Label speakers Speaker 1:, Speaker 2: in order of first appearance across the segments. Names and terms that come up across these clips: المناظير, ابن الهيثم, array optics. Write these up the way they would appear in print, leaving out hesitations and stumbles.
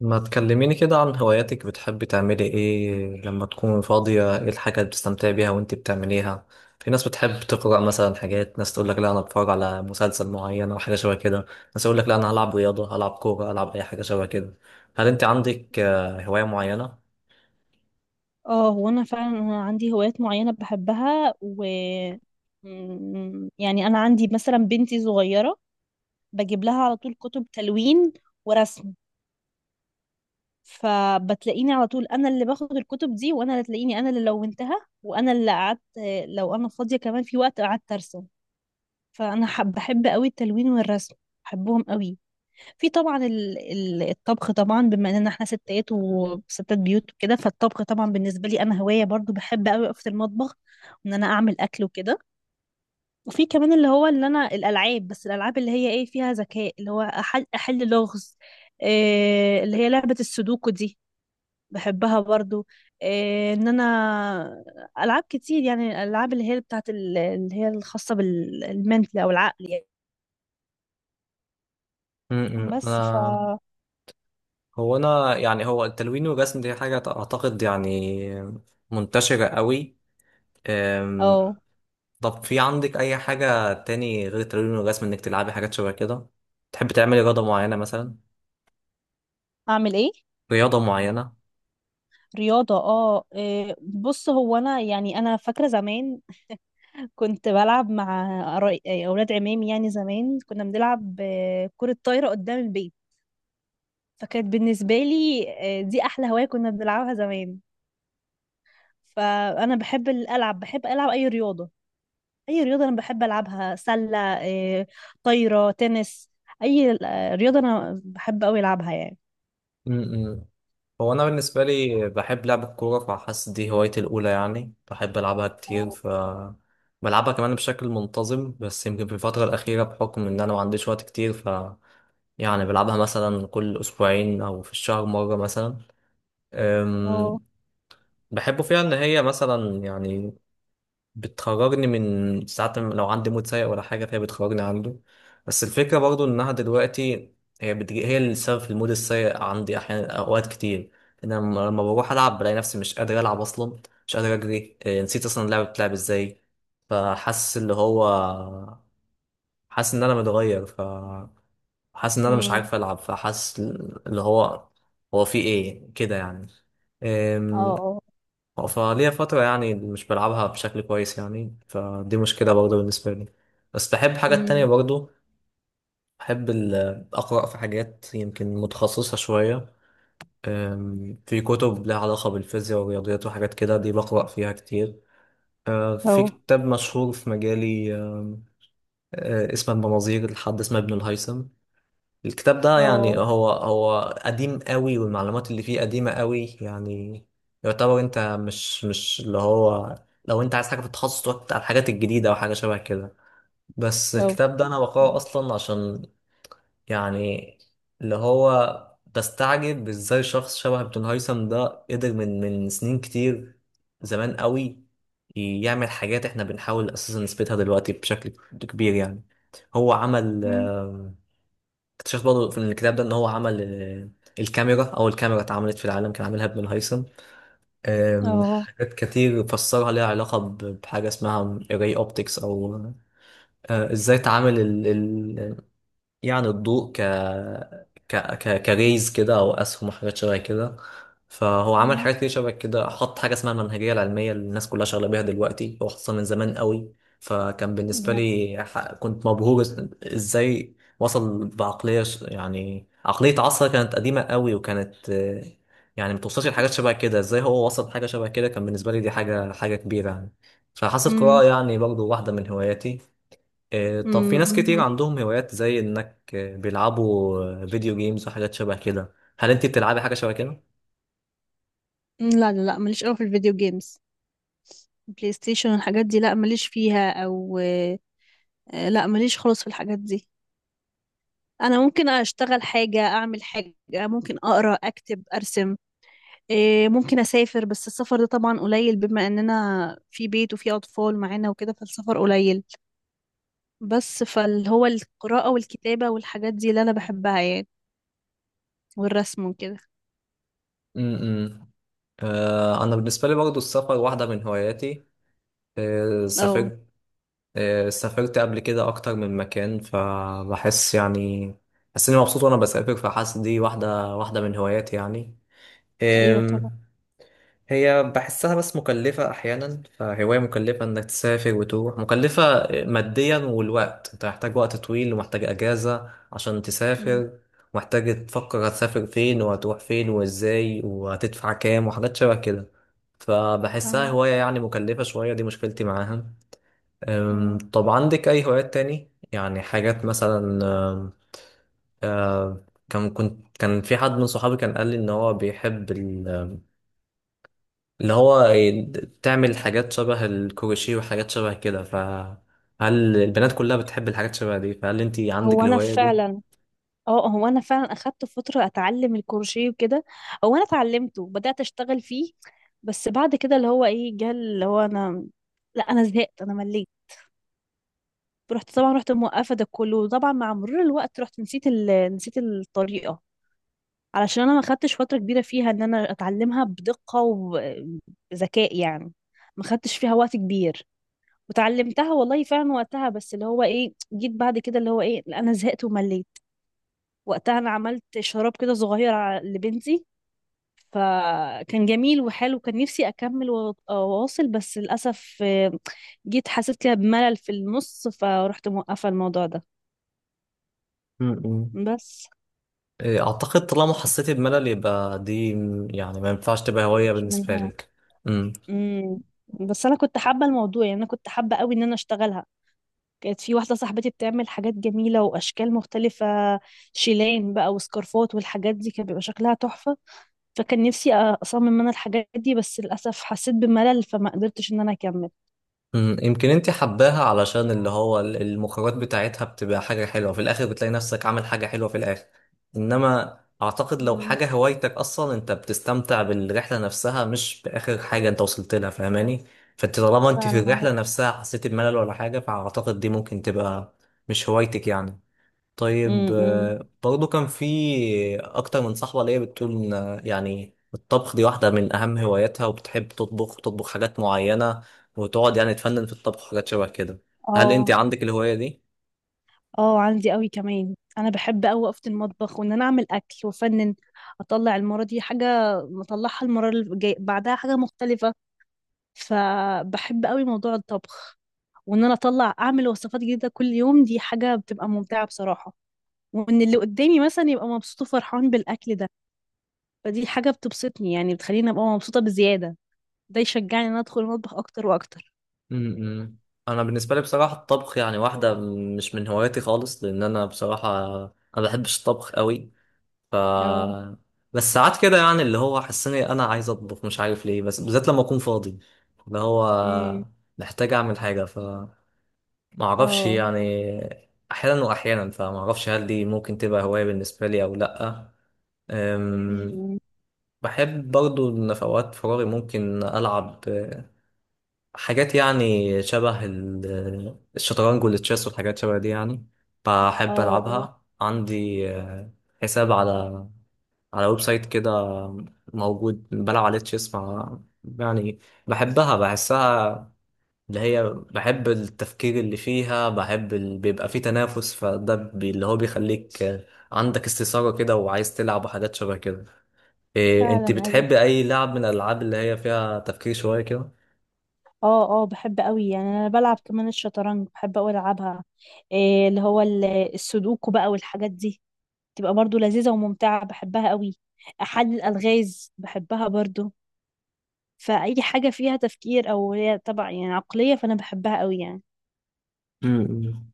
Speaker 1: ما تكلميني كده عن هواياتك، بتحبي تعملي ايه لما تكون فاضية؟ ايه الحاجة اللي بتستمتعي بيها وانت بتعمليها؟ في ناس بتحب تقرأ مثلا حاجات، ناس تقول لك لا انا بتفرج على مسلسل معين او حاجة شبه كده، ناس يقول لك لا انا هلعب رياضة، هلعب كورة، هلعب اي حاجة شبه كده. هل انت عندك هواية معينة؟
Speaker 2: اه هو انا فعلا انا عندي هوايات معينة بحبها و يعني انا عندي مثلا بنتي صغيرة. بجيب لها على طول كتب تلوين ورسم. فبتلاقيني على طول انا اللي باخد الكتب دي، وانا اللي تلاقيني انا اللي لونتها، وانا اللي قعدت. لو انا فاضية كمان في وقت قعدت ارسم. فانا بحب قوي التلوين والرسم، بحبهم قوي. في طبعا الطبخ، طبعا بما اننا احنا ستات وستات بيوت وكده، فالطبخ طبعا بالنسبه لي انا هوايه برضو، بحب قوي اقف في المطبخ، وان انا اعمل اكل وكده. وفي كمان اللي هو اللي انا الالعاب، بس الالعاب اللي هي ايه فيها ذكاء، اللي هو أحل لغز، إيه اللي هي لعبه السودوكو دي، بحبها برضو. إيه ان انا العاب كتير، يعني الالعاب اللي هي بتاعت اللي هي الخاصه بالمنتل او العقل يعني.
Speaker 1: انا،
Speaker 2: بس ف
Speaker 1: هو انا يعني هو التلوين والرسم دي حاجة اعتقد يعني منتشرة قوي.
Speaker 2: او
Speaker 1: طب في عندك اي حاجة تاني غير التمرين والرسم؟ انك تلعبي حاجات شبه كده، تحب تعملي رياضة معينة مثلا؟
Speaker 2: اعمل ايه
Speaker 1: رياضة معينة.
Speaker 2: رياضة؟ اه إيه، بص هو انا يعني انا فاكرة زمان كنت بلعب مع إيه، اولاد عمامي. يعني زمان كنا بنلعب كرة طايرة قدام البيت. فكانت بالنسبة لي دي احلى هواية كنا بنلعبها زمان. فانا بحب العب، بحب العب اي رياضة. اي رياضة انا بحب العبها، سلة، طايرة، تنس، اي رياضة انا بحب اوي العبها يعني.
Speaker 1: امم هو انا بالنسبة لي بحب لعب الكورة، فحاسس دي هوايتي الاولى يعني، بحب العبها كتير، ف بلعبها كمان بشكل منتظم. بس يمكن في الفترة الأخيرة بحكم إن أنا ما عنديش وقت كتير، ف يعني بلعبها مثلا كل أسبوعين أو في الشهر مرة مثلا.
Speaker 2: اه.
Speaker 1: أم، بحب فيها إن هي مثلا يعني بتخرجني من ساعات، لو عندي مود سيء ولا حاجة فهي بتخرجني عنده. بس الفكرة برضو إنها دلوقتي هي بتجي هي السبب في المود السيء عندي أحيانا أوقات كتير. إن أنا لما بروح ألعب بلاقي نفسي مش قادر ألعب أصلا، مش قادر أجري، نسيت أصلا اللعبة بتلعب إزاي. فحاسس اللي هو، حاسس إن أنا متغير، فحاسس إن أنا مش
Speaker 2: امم
Speaker 1: عارف ألعب، فحاسس اللي هو هو في إيه كده يعني.
Speaker 2: اه اه.
Speaker 1: فليا فترة يعني مش بلعبها بشكل كويس يعني، فدي مشكلة برضه بالنسبة لي. بس بحب حاجات تانية
Speaker 2: امم
Speaker 1: برضه، بحب أقرأ في حاجات يمكن متخصصة شوية. في كتب لها علاقة بالفيزياء والرياضيات وحاجات كده، دي بقرأ فيها كتير. في
Speaker 2: اه
Speaker 1: كتاب مشهور في مجالي، أم، أه، اسمه المناظير لحد اسمه ابن الهيثم. الكتاب ده يعني
Speaker 2: اه
Speaker 1: هو قديم قوي والمعلومات اللي فيه قديمة قوي يعني، يعتبر انت مش اللي هو، لو انت عايز حاجة في التخصص تقعد على الحاجات الجديدة او حاجة شبه كده. بس
Speaker 2: اه.
Speaker 1: الكتاب ده انا بقراه اصلا عشان يعني اللي هو بستعجب ازاي شخص شبه ابن هيثم ده قدر من سنين كتير، زمان قوي، يعمل حاجات احنا بنحاول اساسا نثبتها دلوقتي بشكل كبير يعني. هو عمل
Speaker 2: امم
Speaker 1: اكتشفت برضه في الكتاب ده ان هو عمل الكاميرا، اول كاميرا اتعملت في العالم كان عاملها ابن الهيثم.
Speaker 2: اه
Speaker 1: حاجات كتير فسرها ليها علاقة بحاجة اسمها array optics، او ازاي تعامل يعني الضوء ك كريز كده او اسهم وحاجات شبه كده. فهو عمل حاجات كتير شبه كده، حط حاجه اسمها المنهجيه العلميه اللي الناس كلها شغاله بيها دلوقتي، هو حطها من زمان قوي. فكان بالنسبه
Speaker 2: يعني.
Speaker 1: لي كنت مبهور، ازاي وصل بعقليه يعني عقليه عصر كانت قديمه قوي، وكانت يعني متوصلش لحاجات شبه كده، ازاي هو وصل لحاجه شبه كده، كان بالنسبه لي دي حاجه كبيره يعني. فحاسة
Speaker 2: امم.
Speaker 1: القراءة يعني برضو واحدة من هواياتي. طب في ناس كتير
Speaker 2: امم.
Speaker 1: عندهم هوايات زي انك بيلعبوا فيديو جيمز وحاجات شبه كده، هل انت بتلعبي حاجة شبه كده؟
Speaker 2: لا لا لا، ماليش قوي في الفيديو جيمز، بلاي ستيشن والحاجات دي. لا ماليش فيها. او لا ماليش خالص في الحاجات دي. انا ممكن اشتغل حاجه، اعمل حاجه، ممكن اقرا، اكتب، ارسم. ممكن اسافر، بس السفر ده طبعا قليل بما اننا في بيت وفي اطفال معانا وكده، فالسفر قليل. بس فاللي هو القراءه والكتابه والحاجات دي اللي انا بحبها يعني، والرسم وكده.
Speaker 1: امم انا بالنسبة لي برضو السفر واحدة من هواياتي.
Speaker 2: اه
Speaker 1: سافرت سافرت قبل كده اكتر من مكان، فبحس يعني بحس اني مبسوط وانا بسافر، فحاسس دي واحدة من هواياتي
Speaker 2: ايوه
Speaker 1: يعني.
Speaker 2: طبعا.
Speaker 1: هي بحسها بس مكلفة أحيانا، فهواية مكلفة إنك تسافر وتروح، مكلفة ماديا، والوقت أنت محتاج وقت طويل ومحتاج أجازة عشان
Speaker 2: مم.
Speaker 1: تسافر. محتاج تفكر هتسافر فين وهتروح فين وإزاي وهتدفع كام وحاجات شبه كده، فبحسها
Speaker 2: تمام.
Speaker 1: هواية يعني مكلفة شوية، دي مشكلتي معاها.
Speaker 2: مم.
Speaker 1: طب عندك أي هوايات تاني؟ يعني حاجات مثلا. أم، أم، كان كنت كان في حد من صحابي كان قال لي إن هو بيحب اللي هو تعمل حاجات شبه الكروشيه وحاجات شبه كده، فهل البنات كلها بتحب الحاجات شبه دي؟ فهل انت عندك
Speaker 2: هو انا
Speaker 1: الهواية دي؟
Speaker 2: فعلا اه، هو انا فعلا اخدت فتره اتعلم الكروشيه وكده. هو انا اتعلمته وبدات اشتغل فيه. بس بعد كده اللي هو ايه جه اللي هو انا، لا انا زهقت، انا مليت. رحت طبعا رحت موقفه ده كله، وطبعا مع مرور الوقت رحت نسيت ال... نسيت الطريقه. علشان انا ما خدتش فتره كبيره فيها ان انا اتعلمها بدقه وبذكاء يعني، ما خدتش فيها وقت كبير. وتعلمتها والله فعلا وقتها، بس اللي هو ايه جيت بعد كده اللي هو ايه لا انا زهقت ومليت. وقتها انا عملت شراب كده صغير لبنتي، فكان جميل وحلو. كان نفسي اكمل واواصل، بس للاسف جيت حسيت كده بملل في النص، فروحت موقفه الموضوع ده.
Speaker 1: م-م.
Speaker 2: بس
Speaker 1: إيه، اعتقد طالما حسيتي بملل يبقى دي يعني ما ينفعش تبقى هواية
Speaker 2: مش
Speaker 1: بالنسبة
Speaker 2: منها.
Speaker 1: لك. مم.
Speaker 2: امم. بس انا كنت حابه الموضوع، يعني انا كنت حابه قوي ان انا اشتغلها. كانت في واحده صاحبتي بتعمل حاجات جميله واشكال مختلفه، شيلان بقى وسكارفات والحاجات دي كان بيبقى شكلها تحفه. فكان نفسي اصمم انا الحاجات دي، بس للاسف حسيت بملل فما قدرتش ان انا اكمل.
Speaker 1: مم، يمكن انت حباها علشان اللي هو المخرجات بتاعتها بتبقى حاجة حلوة في الآخر، بتلاقي نفسك عامل حاجة حلوة في الآخر. إنما أعتقد لو
Speaker 2: مم.
Speaker 1: حاجة هوايتك أصلا أنت بتستمتع بالرحلة نفسها، مش بآخر حاجة أنت وصلت لها، فاهماني؟ فأنت طالما أنت في
Speaker 2: فعلا عندك.
Speaker 1: الرحلة نفسها حسيت بملل ولا حاجة، فأعتقد دي ممكن تبقى مش هوايتك يعني. طيب
Speaker 2: امم.
Speaker 1: برضو كان في اكتر من صاحبة ليا بتقول إن، يعني الطبخ دي واحدة من اهم هواياتها، وبتحب تطبخ وتطبخ حاجات معينة، وتقعد يعني تفنن في الطبخ وحاجات شبه كده، هل انت
Speaker 2: اه
Speaker 1: عندك الهواية دي؟
Speaker 2: اه، عندي قوي كمان، انا بحب قوي اقف في المطبخ وان انا اعمل اكل وافنن. اطلع المره دي حاجه، مطلعها المره اللي جاي بعدها حاجه مختلفه. فبحب قوي موضوع الطبخ، وان انا اطلع اعمل وصفات جديده كل يوم، دي حاجه بتبقى ممتعه بصراحه. وان اللي قدامي مثلا يبقى مبسوط وفرحان بالاكل ده، فدي حاجه بتبسطني، يعني بتخليني ابقى مبسوطه بزياده. ده يشجعني ان انا ادخل المطبخ اكتر واكتر.
Speaker 1: امم انا بالنسبة لي بصراحة الطبخ يعني واحدة مش من هواياتي خالص، لان انا بصراحة ما بحبش الطبخ قوي. ف
Speaker 2: اه.
Speaker 1: بس ساعات كده يعني اللي هو حسني انا عايز اطبخ، مش عارف ليه، بس بالذات لما اكون فاضي اللي هو
Speaker 2: امم.
Speaker 1: محتاج اعمل حاجة، ما اعرفش
Speaker 2: اه.
Speaker 1: يعني، احيانا واحيانا، فما اعرفش هل دي ممكن تبقى هواية بالنسبة لي او لا. أم،
Speaker 2: امم.
Speaker 1: بحب برضو ان في اوقات فراغي ممكن العب حاجات يعني شبه الشطرنج والتشيس والحاجات شبه دي يعني، بحب
Speaker 2: اه اه
Speaker 1: العبها. عندي حساب على على ويب سايت كده موجود، بلعب عليه تشيس مع يعني، بحبها بحسها اللي هي، بحب التفكير اللي فيها، بحب بيبقى فيه تنافس، فده اللي هو بيخليك عندك استثارة كده وعايز تلعب وحاجات شبه كده. انت
Speaker 2: فعلا أيوة.
Speaker 1: بتحب اي لعب من الالعاب اللي هي فيها تفكير شوية كده؟
Speaker 2: اه اه، بحب قوي يعني، انا بلعب كمان الشطرنج، بحب قوي العبها. إيه اللي هو السودوكو بقى والحاجات دي، تبقى برضو لذيذة وممتعة، بحبها قوي. حل الألغاز بحبها برضو. فأي حاجة فيها تفكير او هي طبعا يعني عقلية، فانا بحبها قوي يعني.
Speaker 1: امم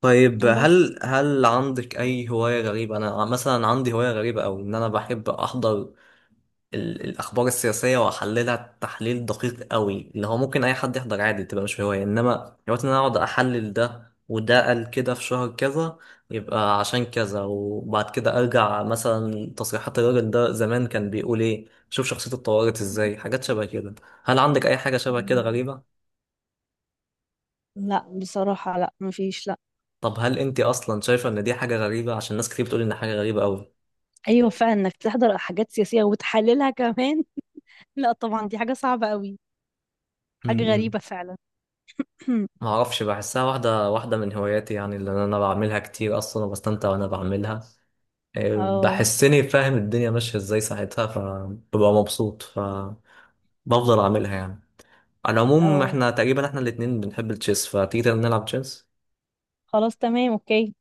Speaker 1: طيب
Speaker 2: بس.
Speaker 1: هل عندك اي هواية غريبة؟ انا مثلا عندي هواية غريبة، او ان انا بحب احضر الأخبار السياسية وأحللها تحليل دقيق قوي، اللي هو ممكن أي حد يحضر عادي تبقى مش هواية، إنما دلوقتي إن أنا أقعد أحلل ده وده قال كده في شهر كذا يبقى عشان كذا، وبعد كده أرجع مثلا تصريحات الراجل ده زمان كان بيقول إيه، شوف شخصيته اتطورت إزاي، حاجات شبه كده. هل عندك أي حاجة شبه كده
Speaker 2: مم.
Speaker 1: غريبة؟
Speaker 2: لا بصراحة، لا مفيش، لا.
Speaker 1: طب هل أنت أصلا شايفة إن دي حاجة غريبة، عشان ناس كتير بتقول إن حاجة غريبة قوي؟
Speaker 2: ايوه فعلا، انك تحضر حاجات سياسية وتحللها كمان لا طبعا دي حاجة صعبة قوي. حاجة
Speaker 1: امم
Speaker 2: غريبة فعلا.
Speaker 1: ما اعرفش، بحسها واحده من هواياتي يعني، اللي انا بعملها كتير اصلا وبستمتع وانا بعملها،
Speaker 2: اه
Speaker 1: بحسني فاهم الدنيا ماشية ازاي ساعتها، فببقى مبسوط فبفضل اعملها يعني. على العموم
Speaker 2: اه،
Speaker 1: احنا تقريبا احنا الاتنين بنحب التشيس، فتيجي نلعب تشيس.
Speaker 2: خلاص تمام اوكي.